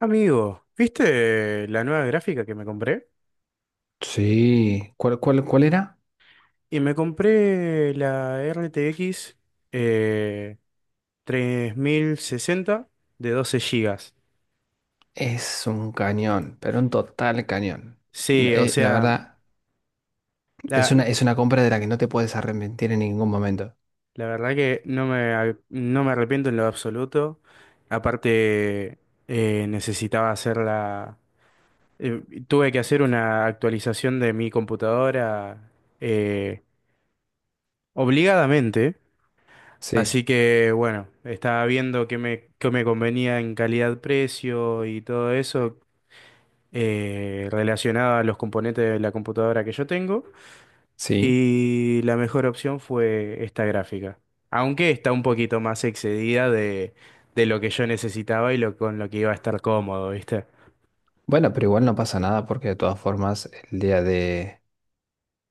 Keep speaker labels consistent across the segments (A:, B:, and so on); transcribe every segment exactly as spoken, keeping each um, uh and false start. A: Amigo, ¿viste la nueva gráfica que me compré?
B: Sí, ¿cuál, cuál, cuál era?
A: Y me compré la R T X eh, tres mil sesenta de doce gigas.
B: Es un cañón, pero un total cañón.
A: Sí, o
B: Eh, la
A: sea,
B: verdad, es
A: la,
B: una, es una compra de la que no te puedes arrepentir en ningún momento.
A: la verdad que no me, ar- no me arrepiento en lo absoluto. Aparte, eh, necesitaba hacer la... eh, tuve que hacer una actualización de mi computadora eh, obligadamente.
B: Sí,
A: Así que bueno, estaba viendo qué me, qué me convenía en calidad-precio y todo eso eh, relacionado a los componentes de la computadora que yo tengo.
B: sí.
A: Y la mejor opción fue esta gráfica. Aunque está un poquito más excedida de, de lo que yo necesitaba y lo, con lo que iba a estar cómodo, ¿viste?
B: Bueno, pero igual no pasa nada porque de todas formas el día de,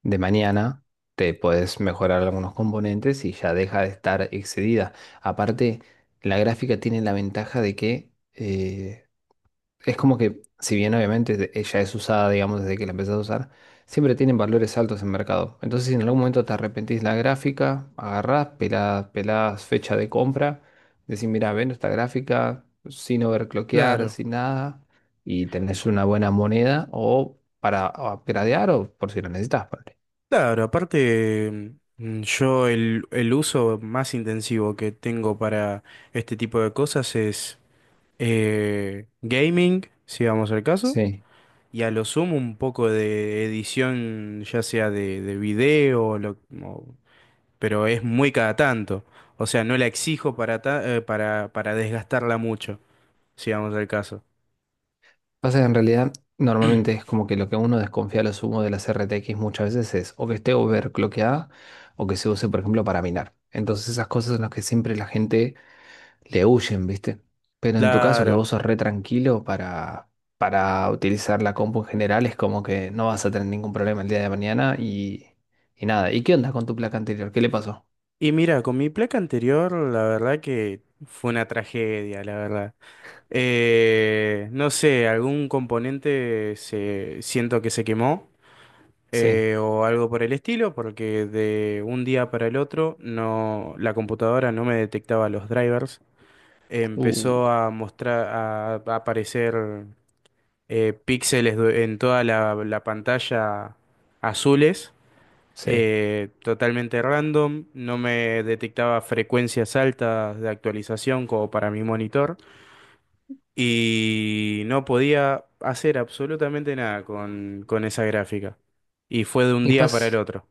B: de mañana te puedes mejorar algunos componentes y ya deja de estar excedida. Aparte, la gráfica tiene la ventaja de que eh, es como que, si bien obviamente de- ella es usada, digamos, desde que la empezás a usar, siempre tienen valores altos en mercado. Entonces, si en algún momento te arrepentís la gráfica, agarrás, pelás, pelás fecha de compra, decís, mira, vendo esta gráfica sin overclockear,
A: Claro,
B: sin nada, y tenés una buena moneda o para o a piratear o por si la necesitas, ponele.
A: claro, aparte mm, yo el, el uso más intensivo que tengo para este tipo de cosas es eh, gaming, si vamos al caso,
B: Sí.
A: y a lo sumo un poco de edición, ya sea de, de video, o lo- o- pero es muy cada tanto. O sea, no la exijo para, ta- eh, para, para desgastarla mucho, si vamos al caso.
B: Pasa que en realidad normalmente es como que lo que uno desconfía a lo sumo de las R T X muchas veces es o que esté overclockeada o que se use, por ejemplo, para minar. Entonces esas cosas son las que siempre la gente le huyen, ¿viste? Pero en tu caso que
A: Claro.
B: vos sos re tranquilo para, para utilizar la compu en general es como que no vas a tener ningún problema el día de mañana y, y nada. ¿Y qué onda con tu placa anterior? ¿Qué le pasó?
A: Y mira, con mi placa anterior, la verdad que fue una tragedia, la verdad. Eh, no sé, algún componente se, siento que se quemó.
B: Sí.
A: Eh, o algo por el estilo, porque de un día para el otro no, la computadora no me detectaba los drivers. Empezó
B: Uh,
A: a mostrar, a, a aparecer eh, píxeles du- en toda la, la pantalla azules,
B: sí.
A: eh, totalmente random. No me detectaba frecuencias altas de actualización como para mi monitor. Y no podía hacer absolutamente nada con, con esa gráfica. Y fue de un
B: Y
A: día para el
B: pasa.
A: otro.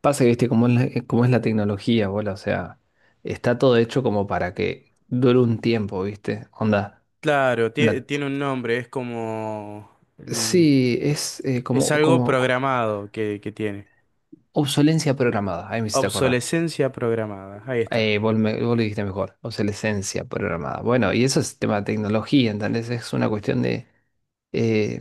B: Pasa que, viste, cómo es la, eh, cómo es la tecnología, bola, o sea, está todo hecho como para que dure un tiempo, viste, onda.
A: Claro, tie-
B: la-
A: tiene un nombre, es como... el-
B: sí, es eh,
A: Es
B: como,
A: algo
B: como
A: programado que, que tiene.
B: obsolencia programada, ahí me hiciste acordar.
A: Obsolescencia programada, ahí está,
B: Eh, vos, me- vos lo dijiste mejor, obsolescencia programada. Bueno, y eso es tema de tecnología, ¿entendés? Es una cuestión de... eh,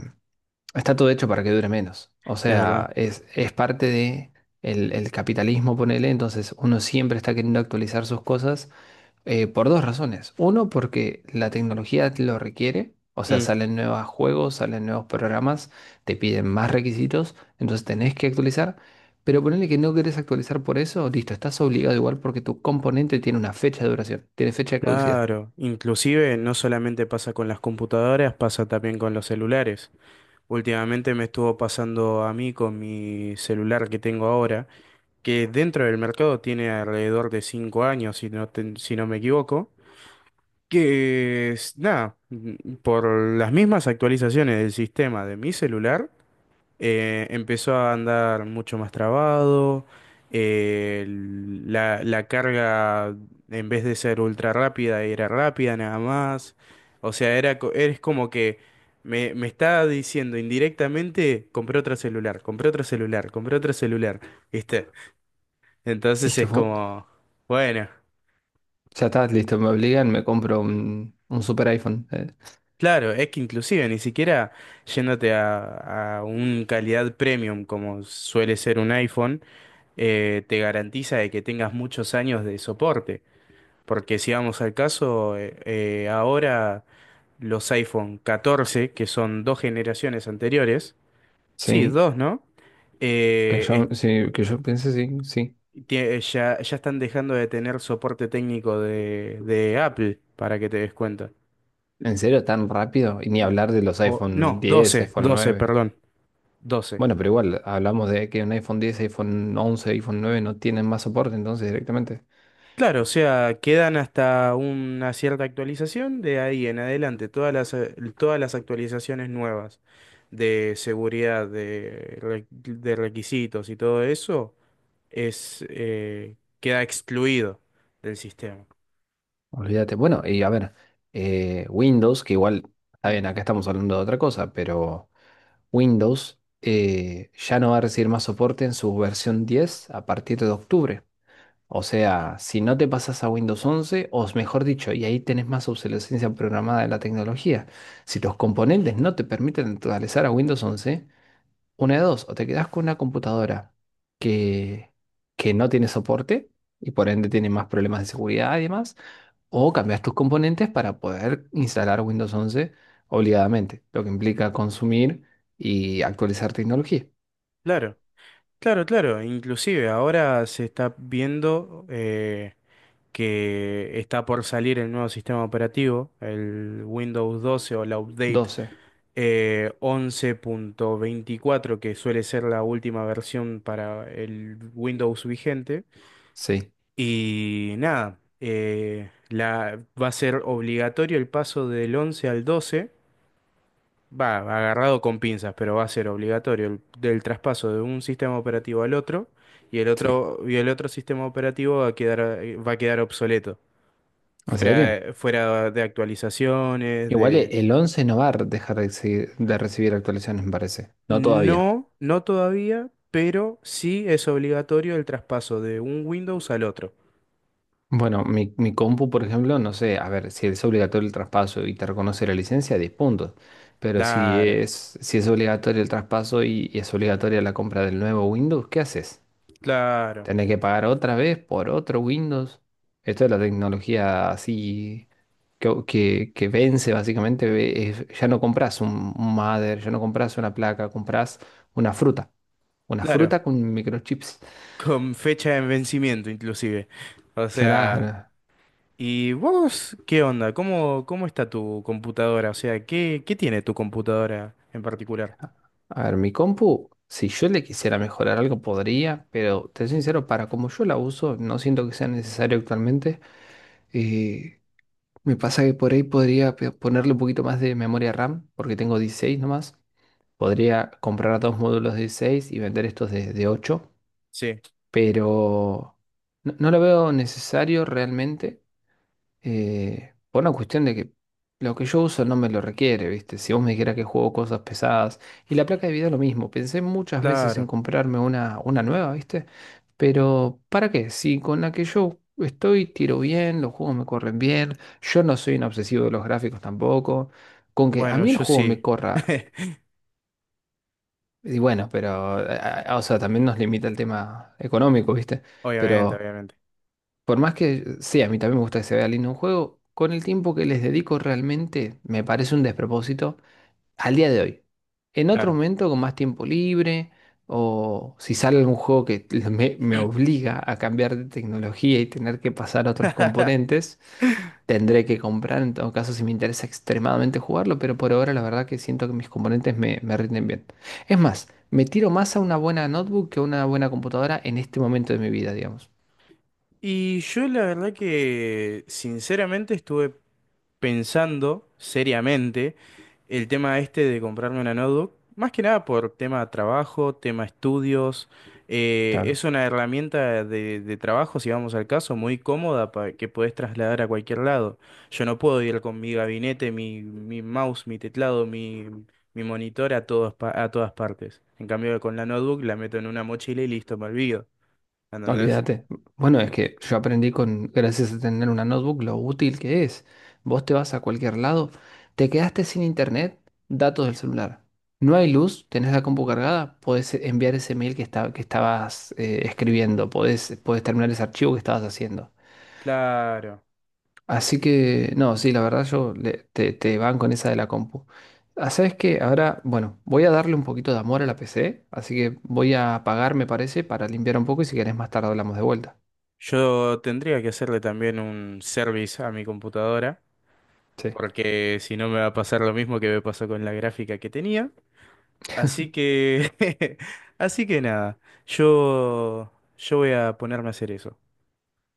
B: está todo hecho para que dure menos. O
A: es verdad.
B: sea, es, es parte de el, el capitalismo, ponele, entonces uno siempre está queriendo actualizar sus cosas. Eh, por dos razones. Uno, porque la tecnología lo requiere, o sea,
A: Mm.
B: salen nuevos juegos, salen nuevos programas, te piden más requisitos, entonces tenés que actualizar. Pero ponele que no querés actualizar por eso, listo, estás obligado igual porque tu componente tiene una fecha de duración, tiene fecha de caducidad.
A: Claro, inclusive no solamente pasa con las computadoras, pasa también con los celulares. Últimamente me estuvo pasando a mí con mi celular que tengo ahora, que dentro del mercado tiene alrededor de cinco años, si no, ten- si no me equivoco, que es, nada, mm, por las mismas actualizaciones del sistema de mi celular, eh, empezó a andar mucho más trabado, eh, la, la carga en vez de ser ultra rápida era rápida nada más, o sea, era, co- es como que me, me está diciendo indirectamente: compré otro celular, compré otro celular, compré otro celular, ¿viste?
B: Y es
A: Entonces
B: que
A: es
B: fu-
A: como, bueno.
B: ya está, listo, me obligan, me compro un, un super iPhone. eh.
A: Claro, es que inclusive ni siquiera yéndote a, a un calidad premium como suele ser un iPhone, eh, te garantiza de que tengas muchos años de soporte. Porque si vamos al caso, eh, eh, ahora los iPhone catorce que son dos generaciones anteriores, sí,
B: Sí,
A: dos, ¿no?
B: que
A: Eh, es-
B: yo, sí, que yo piense, sí, sí.
A: tie- ya, ya están dejando de tener soporte técnico de, de Apple, para que te des cuenta.
B: ¿En serio tan rápido? Y ni hablar de los
A: O, no,
B: iPhone diez,
A: doce
B: iPhone
A: doce
B: nueve.
A: perdón, doce.
B: Bueno, pero igual, hablamos de que un iPhone diez, iPhone once, iPhone nueve no tienen más soporte, entonces directamente,
A: Claro, o sea, quedan hasta una cierta actualización, de ahí en adelante todas las, eh, todas las actualizaciones nuevas de seguridad, de, re- de requisitos y todo eso es, eh, queda excluido del sistema.
B: olvídate. Bueno, y a ver, eh, Windows, que igual, está
A: Mm.
B: bien, acá estamos hablando de otra cosa, pero Windows eh, ya no va a recibir más soporte en su versión diez a partir de octubre. O sea, si no te pasas a Windows once, o mejor dicho, y ahí tenés más obsolescencia programada de la tecnología, si los componentes no te permiten actualizar a Windows once. Una de dos, o te quedas con una computadora que, que no tiene soporte y por ende tiene más problemas de seguridad y demás, o cambias tus componentes para poder instalar Windows once obligadamente, lo que implica consumir y actualizar tecnología.
A: Claro, claro, claro. Inclusive ahora se está viendo eh, que está por salir el nuevo sistema operativo, el Windows doce o la update
B: Doce.
A: eh, once punto veinticuatro, que suele ser la última versión para el Windows vigente.
B: Sí,
A: Y nada, eh, la, va a ser obligatorio el paso del once al doce. Va, agarrado con pinzas, pero va a ser obligatorio el, del traspaso de un sistema operativo al otro y el
B: sí.
A: otro, y el otro sistema operativo va a quedar, eh, va a quedar obsoleto.
B: ¿En serio?
A: Fuera, fuera de actualizaciones,
B: Igual
A: de.
B: e- el once no va a dejar de, exi- de recibir actualizaciones, me parece. No todavía.
A: No, no todavía, pero sí es obligatorio el traspaso de un Windows al otro.
B: Bueno, mi, mi compu, por ejemplo, no sé, a ver, si es obligatorio el traspaso y te reconoce la licencia, diez puntos. Pero si
A: Claro,
B: es, si es obligatorio el traspaso y, y es obligatoria la compra del nuevo Windows, ¿qué haces?
A: claro,
B: ¿Tenés que pagar otra vez por otro Windows? Esto es la tecnología así que, que, que vence básicamente. ve- es- ya no compras un, un mother, ya no compras una placa, compras una fruta. Una
A: claro.
B: fruta con microchips.
A: Con fecha de vencimiento inclusive. O sea,
B: Claro.
A: ¿y vos qué onda? ¿Cómo, cómo está tu computadora? O sea, ¿qué, qué tiene tu computadora en particular?
B: A ver, mi compu, si yo le quisiera mejorar algo, podría, pero te soy sincero, para como yo la uso, no siento que sea necesario actualmente. Eh, me pasa que por ahí podría pe- ponerle un poquito más de memoria RAM, porque tengo dieciséis nomás. Podría comprar dos módulos de dieciséis y vender estos de, de ocho,
A: Sí,
B: pero no, no lo veo necesario realmente eh, por una cuestión de que lo que yo uso no me lo requiere, ¿viste? Si vos me dijeras que juego cosas pesadas. Y la placa de video lo mismo. Pensé muchas veces en
A: claro.
B: comprarme una, una nueva, ¿viste? Pero ¿para qué? Si con la que yo estoy tiro bien, los juegos me corren bien, yo no soy un obsesivo de los gráficos tampoco. Con que a
A: Bueno,
B: mí el
A: yo
B: juego me
A: sí.
B: corra. Y bueno, pero, eh, eh, o sea, también nos limita el tema económico, ¿viste?
A: Obviamente,
B: Pero
A: obviamente.
B: por más que, sí, a mí también me gusta que se vea lindo un juego, con el tiempo que les dedico realmente me parece un despropósito al día de hoy. En otro
A: Claro.
B: momento, con más tiempo libre, o si sale algún juego que me, me obliga a cambiar de tecnología y tener que pasar a otros componentes, tendré que comprar, en todo caso, si me interesa extremadamente jugarlo, pero por ahora la verdad que siento que mis componentes me, me rinden bien. Es más, me tiro más a una buena notebook que a una buena computadora en este momento de mi vida, digamos.
A: Y yo la verdad que sinceramente estuve pensando seriamente el tema este de comprarme una notebook, más que nada por tema trabajo, tema estudios. eh,
B: Claro.
A: es una herramienta de, de trabajo, si vamos al caso, muy cómoda para que podés trasladar a cualquier lado. Yo no puedo ir con mi gabinete, mi, mi mouse, mi teclado, mi, mi monitor a todas, pa- a todas partes. En cambio, con la notebook la meto en una mochila y listo, me olvido. ¿Entendés?
B: Olvídate. Bueno, es que yo aprendí con, gracias a tener una notebook, lo útil que es. Vos te vas a cualquier lado, te quedaste sin internet, datos del celular. No hay luz, tenés la compu cargada, podés enviar ese mail que, esta- que estabas eh, escribiendo, podés, podés terminar ese archivo que estabas haciendo.
A: Claro.
B: Así que, no, sí, la verdad yo le- te, te van con esa de la compu. Ah, ¿sabes qué? Ahora, bueno, voy a darle un poquito de amor a la P C, así que voy a apagar, me parece, para limpiar un poco y si querés más tarde hablamos de vuelta.
A: Yo tendría que hacerle también un service a mi computadora,
B: Sí.
A: porque si no me va a pasar lo mismo que me pasó con la gráfica que tenía. Así que, así que nada, yo, yo voy a ponerme a hacer eso.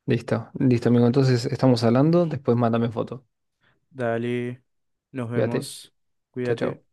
B: Listo, listo, amigo. Entonces estamos hablando. Después mándame foto.
A: Dale, nos
B: Cuídate.
A: vemos,
B: Chao,
A: cuídate.
B: chao.